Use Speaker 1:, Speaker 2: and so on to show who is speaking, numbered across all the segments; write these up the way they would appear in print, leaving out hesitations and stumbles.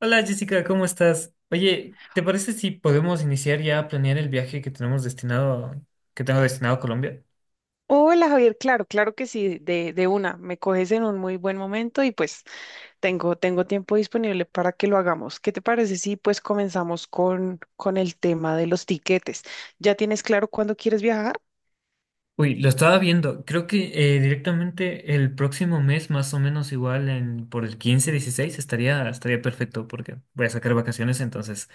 Speaker 1: Hola Jessica, ¿cómo estás? Oye, ¿te parece si podemos iniciar ya a planear el viaje que tengo destinado a Colombia?
Speaker 2: Hola Javier, claro, claro que sí, de una, me coges en un muy buen momento y pues tengo tiempo disponible para que lo hagamos. ¿Qué te parece si pues comenzamos con el tema de los tiquetes? ¿Ya tienes claro cuándo quieres viajar?
Speaker 1: Uy, lo estaba viendo. Creo que directamente el próximo mes, más o menos igual por el 15, 16 estaría perfecto porque voy a sacar vacaciones, entonces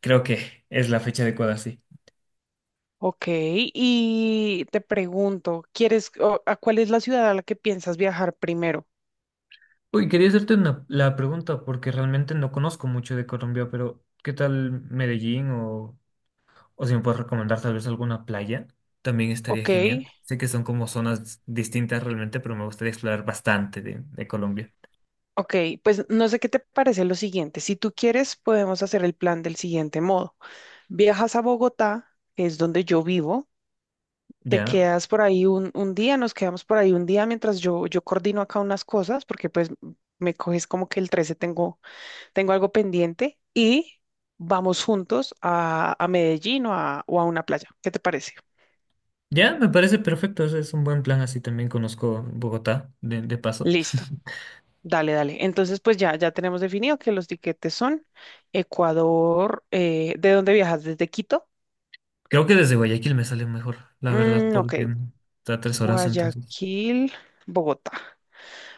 Speaker 1: creo que es la fecha adecuada, sí.
Speaker 2: Ok, y te pregunto, ¿A cuál es la ciudad a la que piensas viajar primero?
Speaker 1: Uy, quería hacerte la pregunta porque realmente no conozco mucho de Colombia, pero ¿qué tal Medellín o si me puedes recomendar tal vez alguna playa, también estaría
Speaker 2: Ok,
Speaker 1: genial. Sé que son como zonas distintas realmente, pero me gustaría explorar bastante de Colombia.
Speaker 2: ok, pues no sé qué te parece lo siguiente. Si tú quieres, podemos hacer el plan del siguiente modo. Viajas a Bogotá, que es donde yo vivo. Te
Speaker 1: Ya,
Speaker 2: quedas por ahí un día, nos quedamos por ahí un día mientras yo coordino acá unas cosas, porque pues me coges como que el 13 tengo algo pendiente y vamos juntos a Medellín o a una playa. ¿Qué te parece?
Speaker 1: ya, me parece perfecto. Ese Es un buen plan. Así también conozco Bogotá de paso.
Speaker 2: Listo. Dale, dale. Entonces, pues ya tenemos definido que los tiquetes son Ecuador, ¿de dónde viajas? ¿Desde Quito?
Speaker 1: Creo que desde Guayaquil me sale mejor, la verdad,
Speaker 2: Mm, ok,
Speaker 1: porque está 3 horas entonces.
Speaker 2: Guayaquil, Bogotá.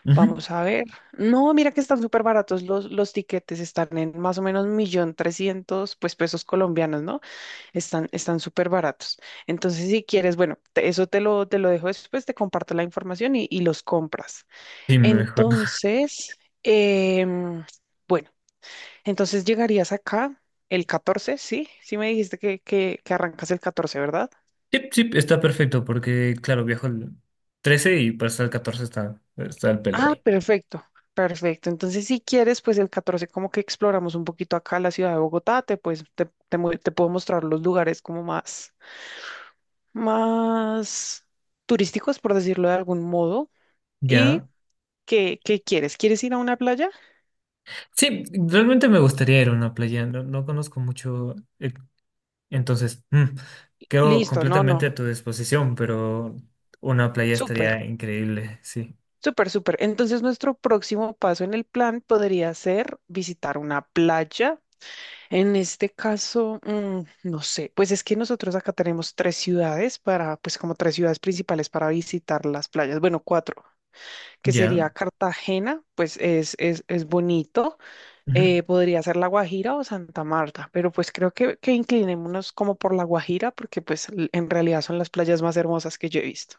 Speaker 1: Ujú.
Speaker 2: Vamos a ver. No, mira que están súper baratos los tiquetes, están en más o menos 1.300.000, pues pesos colombianos, ¿no? Están súper baratos. Entonces, si quieres, bueno, eso te lo dejo después, te comparto la información y los compras.
Speaker 1: Sí, mejor.
Speaker 2: Entonces, em, bueno, entonces llegarías acá el 14, ¿sí? Sí me dijiste que arrancas el 14, ¿verdad?
Speaker 1: Sí, sí, está perfecto porque, claro, viajo el 13 y para estar el 14 está el pelo
Speaker 2: Ah,
Speaker 1: ahí.
Speaker 2: perfecto, perfecto. Entonces, si quieres, pues el 14 como que exploramos un poquito acá la ciudad de Bogotá, te, pues, te, mu- te puedo mostrar los lugares como más, turísticos, por decirlo de algún modo. ¿Y
Speaker 1: Ya.
Speaker 2: qué quieres? ¿Quieres ir a una playa?
Speaker 1: Sí, realmente me gustaría ir a una playa, no, no conozco mucho, entonces quedo
Speaker 2: Listo, no,
Speaker 1: completamente
Speaker 2: no.
Speaker 1: a tu disposición, pero una playa
Speaker 2: Súper,
Speaker 1: estaría increíble, sí.
Speaker 2: súper, súper. Entonces, nuestro próximo paso en el plan podría ser visitar una playa. En este caso, no sé, pues es que nosotros acá tenemos tres ciudades para, pues como tres ciudades principales para visitar las playas, bueno, cuatro, que
Speaker 1: ¿Ya?
Speaker 2: sería Cartagena, pues es, bonito,
Speaker 1: Ujú.
Speaker 2: podría ser La Guajira o Santa Marta, pero pues creo que inclinémonos como por La Guajira, porque pues en realidad son las playas más hermosas que yo he visto.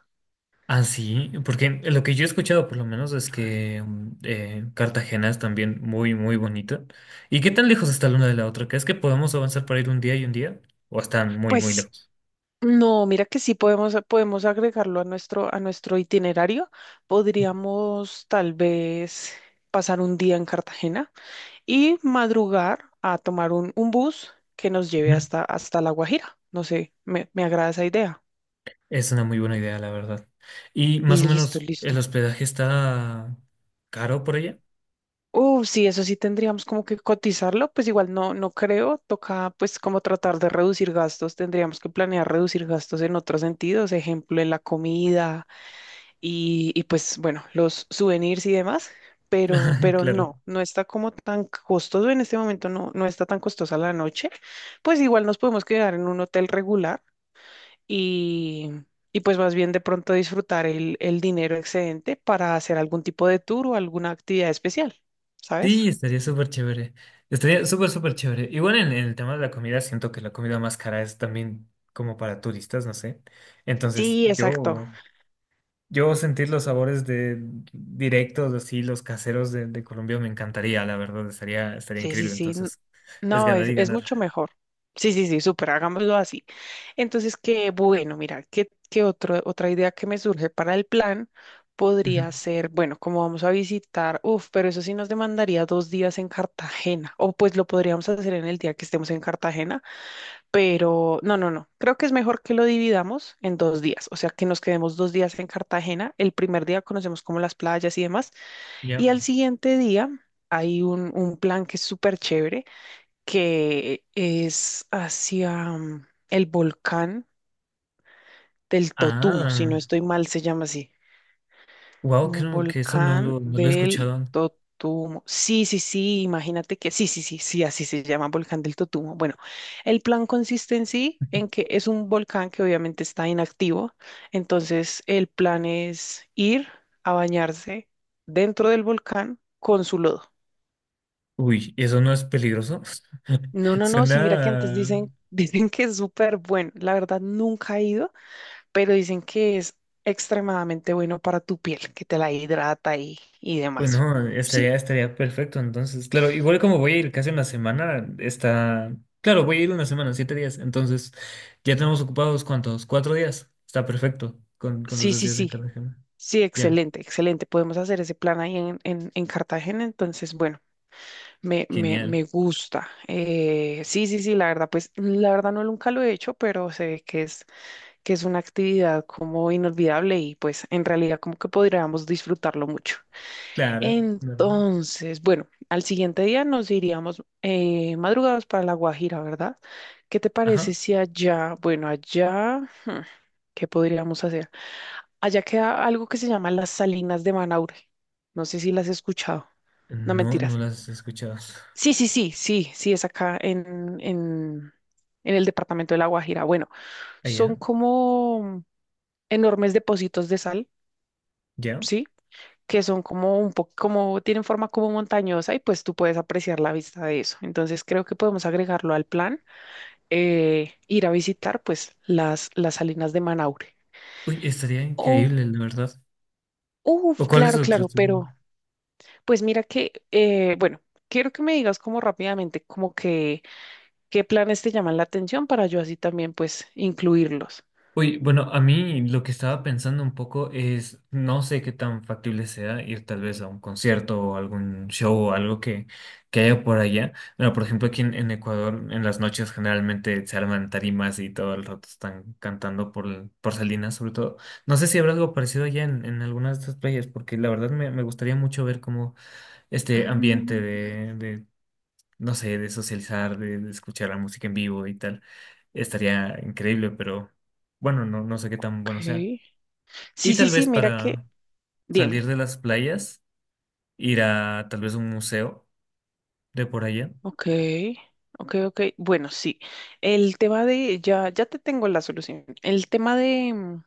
Speaker 1: Ah, sí, porque lo que yo he escuchado por lo menos es que Cartagena es también muy, muy bonita. ¿Y qué tan lejos está la una de la otra? ¿Crees que podemos avanzar para ir un día y un día? ¿O están muy, muy
Speaker 2: Pues.
Speaker 1: lejos?
Speaker 2: No, mira que sí podemos, agregarlo a nuestro itinerario. Podríamos tal vez pasar un día en Cartagena y madrugar a tomar un bus que nos lleve hasta La Guajira. No sé, me agrada esa idea.
Speaker 1: Es una muy buena idea, la verdad. Y más o
Speaker 2: Listo,
Speaker 1: menos el
Speaker 2: listo.
Speaker 1: hospedaje está caro por allá.
Speaker 2: Sí, eso sí tendríamos como que cotizarlo, pues igual no, no creo, toca pues como tratar de reducir gastos, tendríamos que planear reducir gastos en otros sentidos, ejemplo, en la comida y pues bueno, los souvenirs y demás, pero, pero
Speaker 1: Claro.
Speaker 2: no, no está como tan costoso en este momento, no, no está tan costosa la noche, pues igual nos podemos quedar en un hotel regular y, y pues más bien de pronto disfrutar el dinero excedente para hacer algún tipo de tour o alguna actividad especial,
Speaker 1: Sí,
Speaker 2: ¿sabes?
Speaker 1: estaría súper chévere. Estaría súper, súper chévere. Igual en el tema de la comida, siento que la comida más cara es también como para turistas, no sé. Entonces,
Speaker 2: Sí, exacto.
Speaker 1: yo sentir los sabores de directos, así, los caseros de Colombia me encantaría, la verdad, estaría
Speaker 2: Sí, sí,
Speaker 1: increíble.
Speaker 2: sí.
Speaker 1: Entonces, es
Speaker 2: No,
Speaker 1: ganar
Speaker 2: es,
Speaker 1: y
Speaker 2: es
Speaker 1: ganar.
Speaker 2: mucho mejor. Sí, sí, sí, súper, hagámoslo así. Entonces, qué bueno, mira, qué otra idea que me surge para el plan
Speaker 1: Ujú.
Speaker 2: podría ser, bueno, como vamos a visitar, uf, pero eso sí nos demandaría 2 días en Cartagena, o pues lo podríamos hacer en el día que estemos en Cartagena, pero no, no, no, creo que es mejor que lo dividamos en 2 días, o sea, que nos quedemos 2 días en Cartagena, el primer día conocemos como las playas y demás,
Speaker 1: Ya.
Speaker 2: y al siguiente día... Hay un plan que es súper chévere, que es hacia el volcán del Totumo, si no
Speaker 1: Ah,
Speaker 2: estoy mal, se llama así.
Speaker 1: wow,
Speaker 2: Un
Speaker 1: creo que eso no
Speaker 2: volcán
Speaker 1: lo, no lo he
Speaker 2: del
Speaker 1: escuchado.
Speaker 2: Totumo. Sí, sí, sí, imagínate que sí, sí, sí, sí, así se llama volcán del Totumo. Bueno, el plan consiste en sí, en que es un volcán que obviamente está inactivo, entonces el plan es ir a bañarse dentro del volcán con su lodo.
Speaker 1: Uy, ¿eso no es peligroso?
Speaker 2: No, no, no, sí, mira que antes
Speaker 1: Suena...
Speaker 2: dicen, dicen que es súper bueno. La verdad, nunca he ido, pero dicen que es extremadamente bueno para tu piel, que te la hidrata y demás.
Speaker 1: Bueno,
Speaker 2: Sí,
Speaker 1: estaría perfecto. Entonces, claro, igual como voy a ir casi una semana, está... Claro, voy a ir una semana, 7 días. Entonces, ya tenemos ocupados, ¿cuántos? 4 días. Está perfecto con los
Speaker 2: sí,
Speaker 1: dos
Speaker 2: sí,
Speaker 1: días en
Speaker 2: sí,
Speaker 1: Cartagena.
Speaker 2: sí,
Speaker 1: Ya,
Speaker 2: excelente, excelente. Podemos hacer ese plan ahí en, en Cartagena, entonces, bueno, me, me,
Speaker 1: genial.
Speaker 2: me gusta. Sí, sí, sí, la verdad, pues la verdad no nunca lo he hecho, pero se ve que es una actividad como inolvidable y pues en realidad como que podríamos disfrutarlo mucho.
Speaker 1: Claro.
Speaker 2: Entonces, bueno, al siguiente día nos iríamos madrugados para La Guajira, ¿verdad? ¿Qué te
Speaker 1: Ajá.
Speaker 2: parece si allá, bueno, hmm, ¿qué podríamos hacer? Allá queda algo que se llama las Salinas de Manaure. No sé si las has escuchado. No
Speaker 1: No, no
Speaker 2: mentiras.
Speaker 1: las he escuchado.
Speaker 2: Sí, sí, sí, sí, sí, es acá en, en el departamento de La Guajira. Bueno, son
Speaker 1: Allá,
Speaker 2: como enormes depósitos de sal,
Speaker 1: ya.
Speaker 2: ¿sí? Que son como un poco, como tienen forma como montañosa y pues tú puedes apreciar la vista de eso. Entonces creo que podemos agregarlo al plan, ir a visitar pues las, salinas de Manaure.
Speaker 1: Uy, estaría
Speaker 2: Oh,
Speaker 1: increíble, la verdad. ¿O
Speaker 2: uff
Speaker 1: cuál es
Speaker 2: claro,
Speaker 1: otro
Speaker 2: claro,
Speaker 1: estudio?
Speaker 2: pero pues mira que, bueno, quiero que me digas como rápidamente como que qué planes te llaman la atención para yo así también pues incluirlos.
Speaker 1: Uy, bueno, a mí lo que estaba pensando un poco es, no sé qué tan factible sea ir tal vez a un concierto o algún show o algo que haya por allá. Bueno, por ejemplo, aquí en Ecuador, en las noches generalmente se arman tarimas y todo el rato están cantando por Salinas, sobre todo. No sé si habrá algo parecido allá en algunas de estas playas, porque la verdad me gustaría mucho ver como este ambiente
Speaker 2: Mm,
Speaker 1: de, no sé, de socializar, de escuchar la música en vivo y tal. Estaría increíble, pero bueno, no, no sé qué tan
Speaker 2: ok.
Speaker 1: bueno sea. Y
Speaker 2: Sí, sí,
Speaker 1: tal
Speaker 2: sí,
Speaker 1: vez
Speaker 2: mira que,
Speaker 1: para salir
Speaker 2: dime.
Speaker 1: de las playas, ir a tal vez un museo de por allá.
Speaker 2: Ok, ok, ok. Bueno, sí. El tema de, ya, ya te tengo la solución. El tema de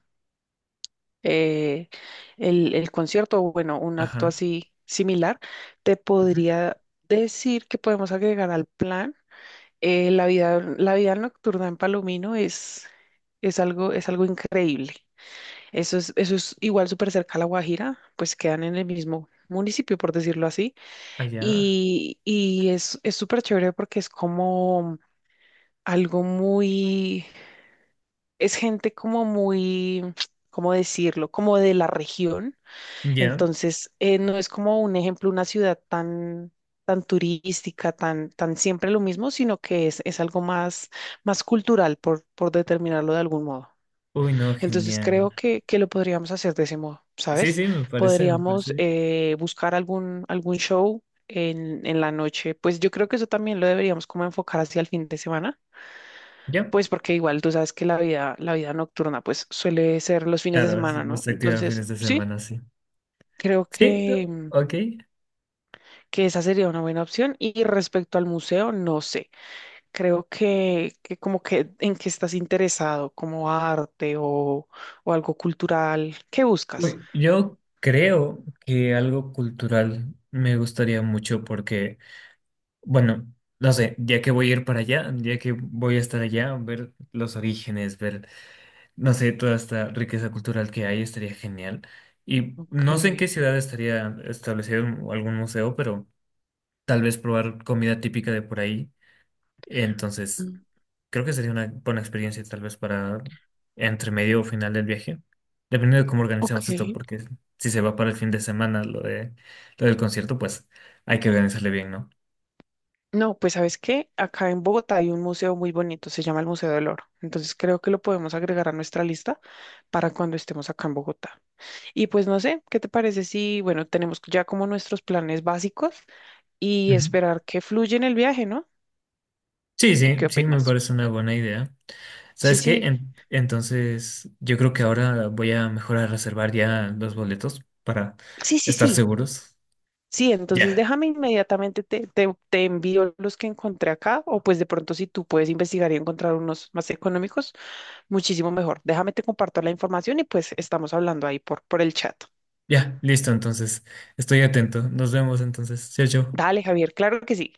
Speaker 2: eh, el concierto, o bueno, un acto
Speaker 1: Ajá.
Speaker 2: así similar, te
Speaker 1: Ujú.
Speaker 2: podría decir que podemos agregar al plan. La vida, nocturna en Palomino es algo increíble. Eso es igual súper cerca a La Guajira, pues quedan en el mismo municipio, por decirlo así.
Speaker 1: Allá.
Speaker 2: Y es súper chévere porque algo muy, es gente como muy, ¿cómo decirlo? Como de la región.
Speaker 1: Ya.
Speaker 2: Entonces, no es como un ejemplo, una ciudad tan, tan, turística, tan siempre lo mismo, sino que es, algo más, cultural, por determinarlo de algún modo.
Speaker 1: Uy, no,
Speaker 2: Entonces,
Speaker 1: genial.
Speaker 2: creo que lo podríamos hacer de ese modo,
Speaker 1: Sí,
Speaker 2: ¿sabes?
Speaker 1: sí, me parece, me
Speaker 2: Podríamos
Speaker 1: parece.
Speaker 2: buscar algún show. En la noche, pues yo creo que eso también lo deberíamos como enfocar hacia el fin de semana
Speaker 1: Ya.
Speaker 2: pues porque igual tú sabes que la vida nocturna pues suele ser los fines de
Speaker 1: Claro, es
Speaker 2: semana, ¿no?
Speaker 1: más activa en
Speaker 2: Entonces,
Speaker 1: fines de
Speaker 2: sí,
Speaker 1: semana, sí.
Speaker 2: creo
Speaker 1: Sí, no,
Speaker 2: que, mm,
Speaker 1: ok.
Speaker 2: que esa sería una buena opción. Y respecto al museo, no sé. Creo que como que en qué estás interesado, como arte o algo cultural, ¿qué buscas?
Speaker 1: Uy, yo creo que algo cultural me gustaría mucho porque, bueno, no sé, ya que voy a ir para allá, ya que voy a estar allá, ver los orígenes, ver, no sé, toda esta riqueza cultural que hay, estaría genial. Y
Speaker 2: Ok.
Speaker 1: no sé en qué ciudad estaría establecido algún museo, pero tal vez probar comida típica de por ahí. Entonces,
Speaker 2: mm,
Speaker 1: creo que sería una buena experiencia tal vez para entre medio o final del viaje, dependiendo de cómo
Speaker 2: Ok.
Speaker 1: organizamos esto, porque si se va para el fin de semana lo del concierto, pues hay que organizarle bien, ¿no?
Speaker 2: No, pues ¿sabes qué? Acá en Bogotá hay un museo muy bonito, se llama el Museo del Oro. Entonces creo que lo podemos agregar a nuestra lista para cuando estemos acá en Bogotá. Y pues no sé, ¿qué te parece si, bueno, tenemos ya como nuestros planes básicos y esperar que fluya en el viaje, ¿no?
Speaker 1: Sí,
Speaker 2: ¿O qué
Speaker 1: sí, sí, me
Speaker 2: opinas?
Speaker 1: parece una buena idea.
Speaker 2: Sí,
Speaker 1: ¿Sabes qué?
Speaker 2: sí,
Speaker 1: Entonces, yo creo que ahora voy a mejor a reservar ya los boletos para
Speaker 2: sí, sí,
Speaker 1: estar
Speaker 2: sí.
Speaker 1: seguros.
Speaker 2: Sí, entonces
Speaker 1: Ya,
Speaker 2: déjame inmediatamente, te, te envío los que encontré acá, o pues de pronto si tú puedes investigar y encontrar unos más económicos, muchísimo mejor. Déjame te comparto la información y pues estamos hablando ahí por, el chat.
Speaker 1: ya, listo, entonces, estoy atento. Nos vemos entonces. Chao, chao.
Speaker 2: Dale, Javier, claro que sí.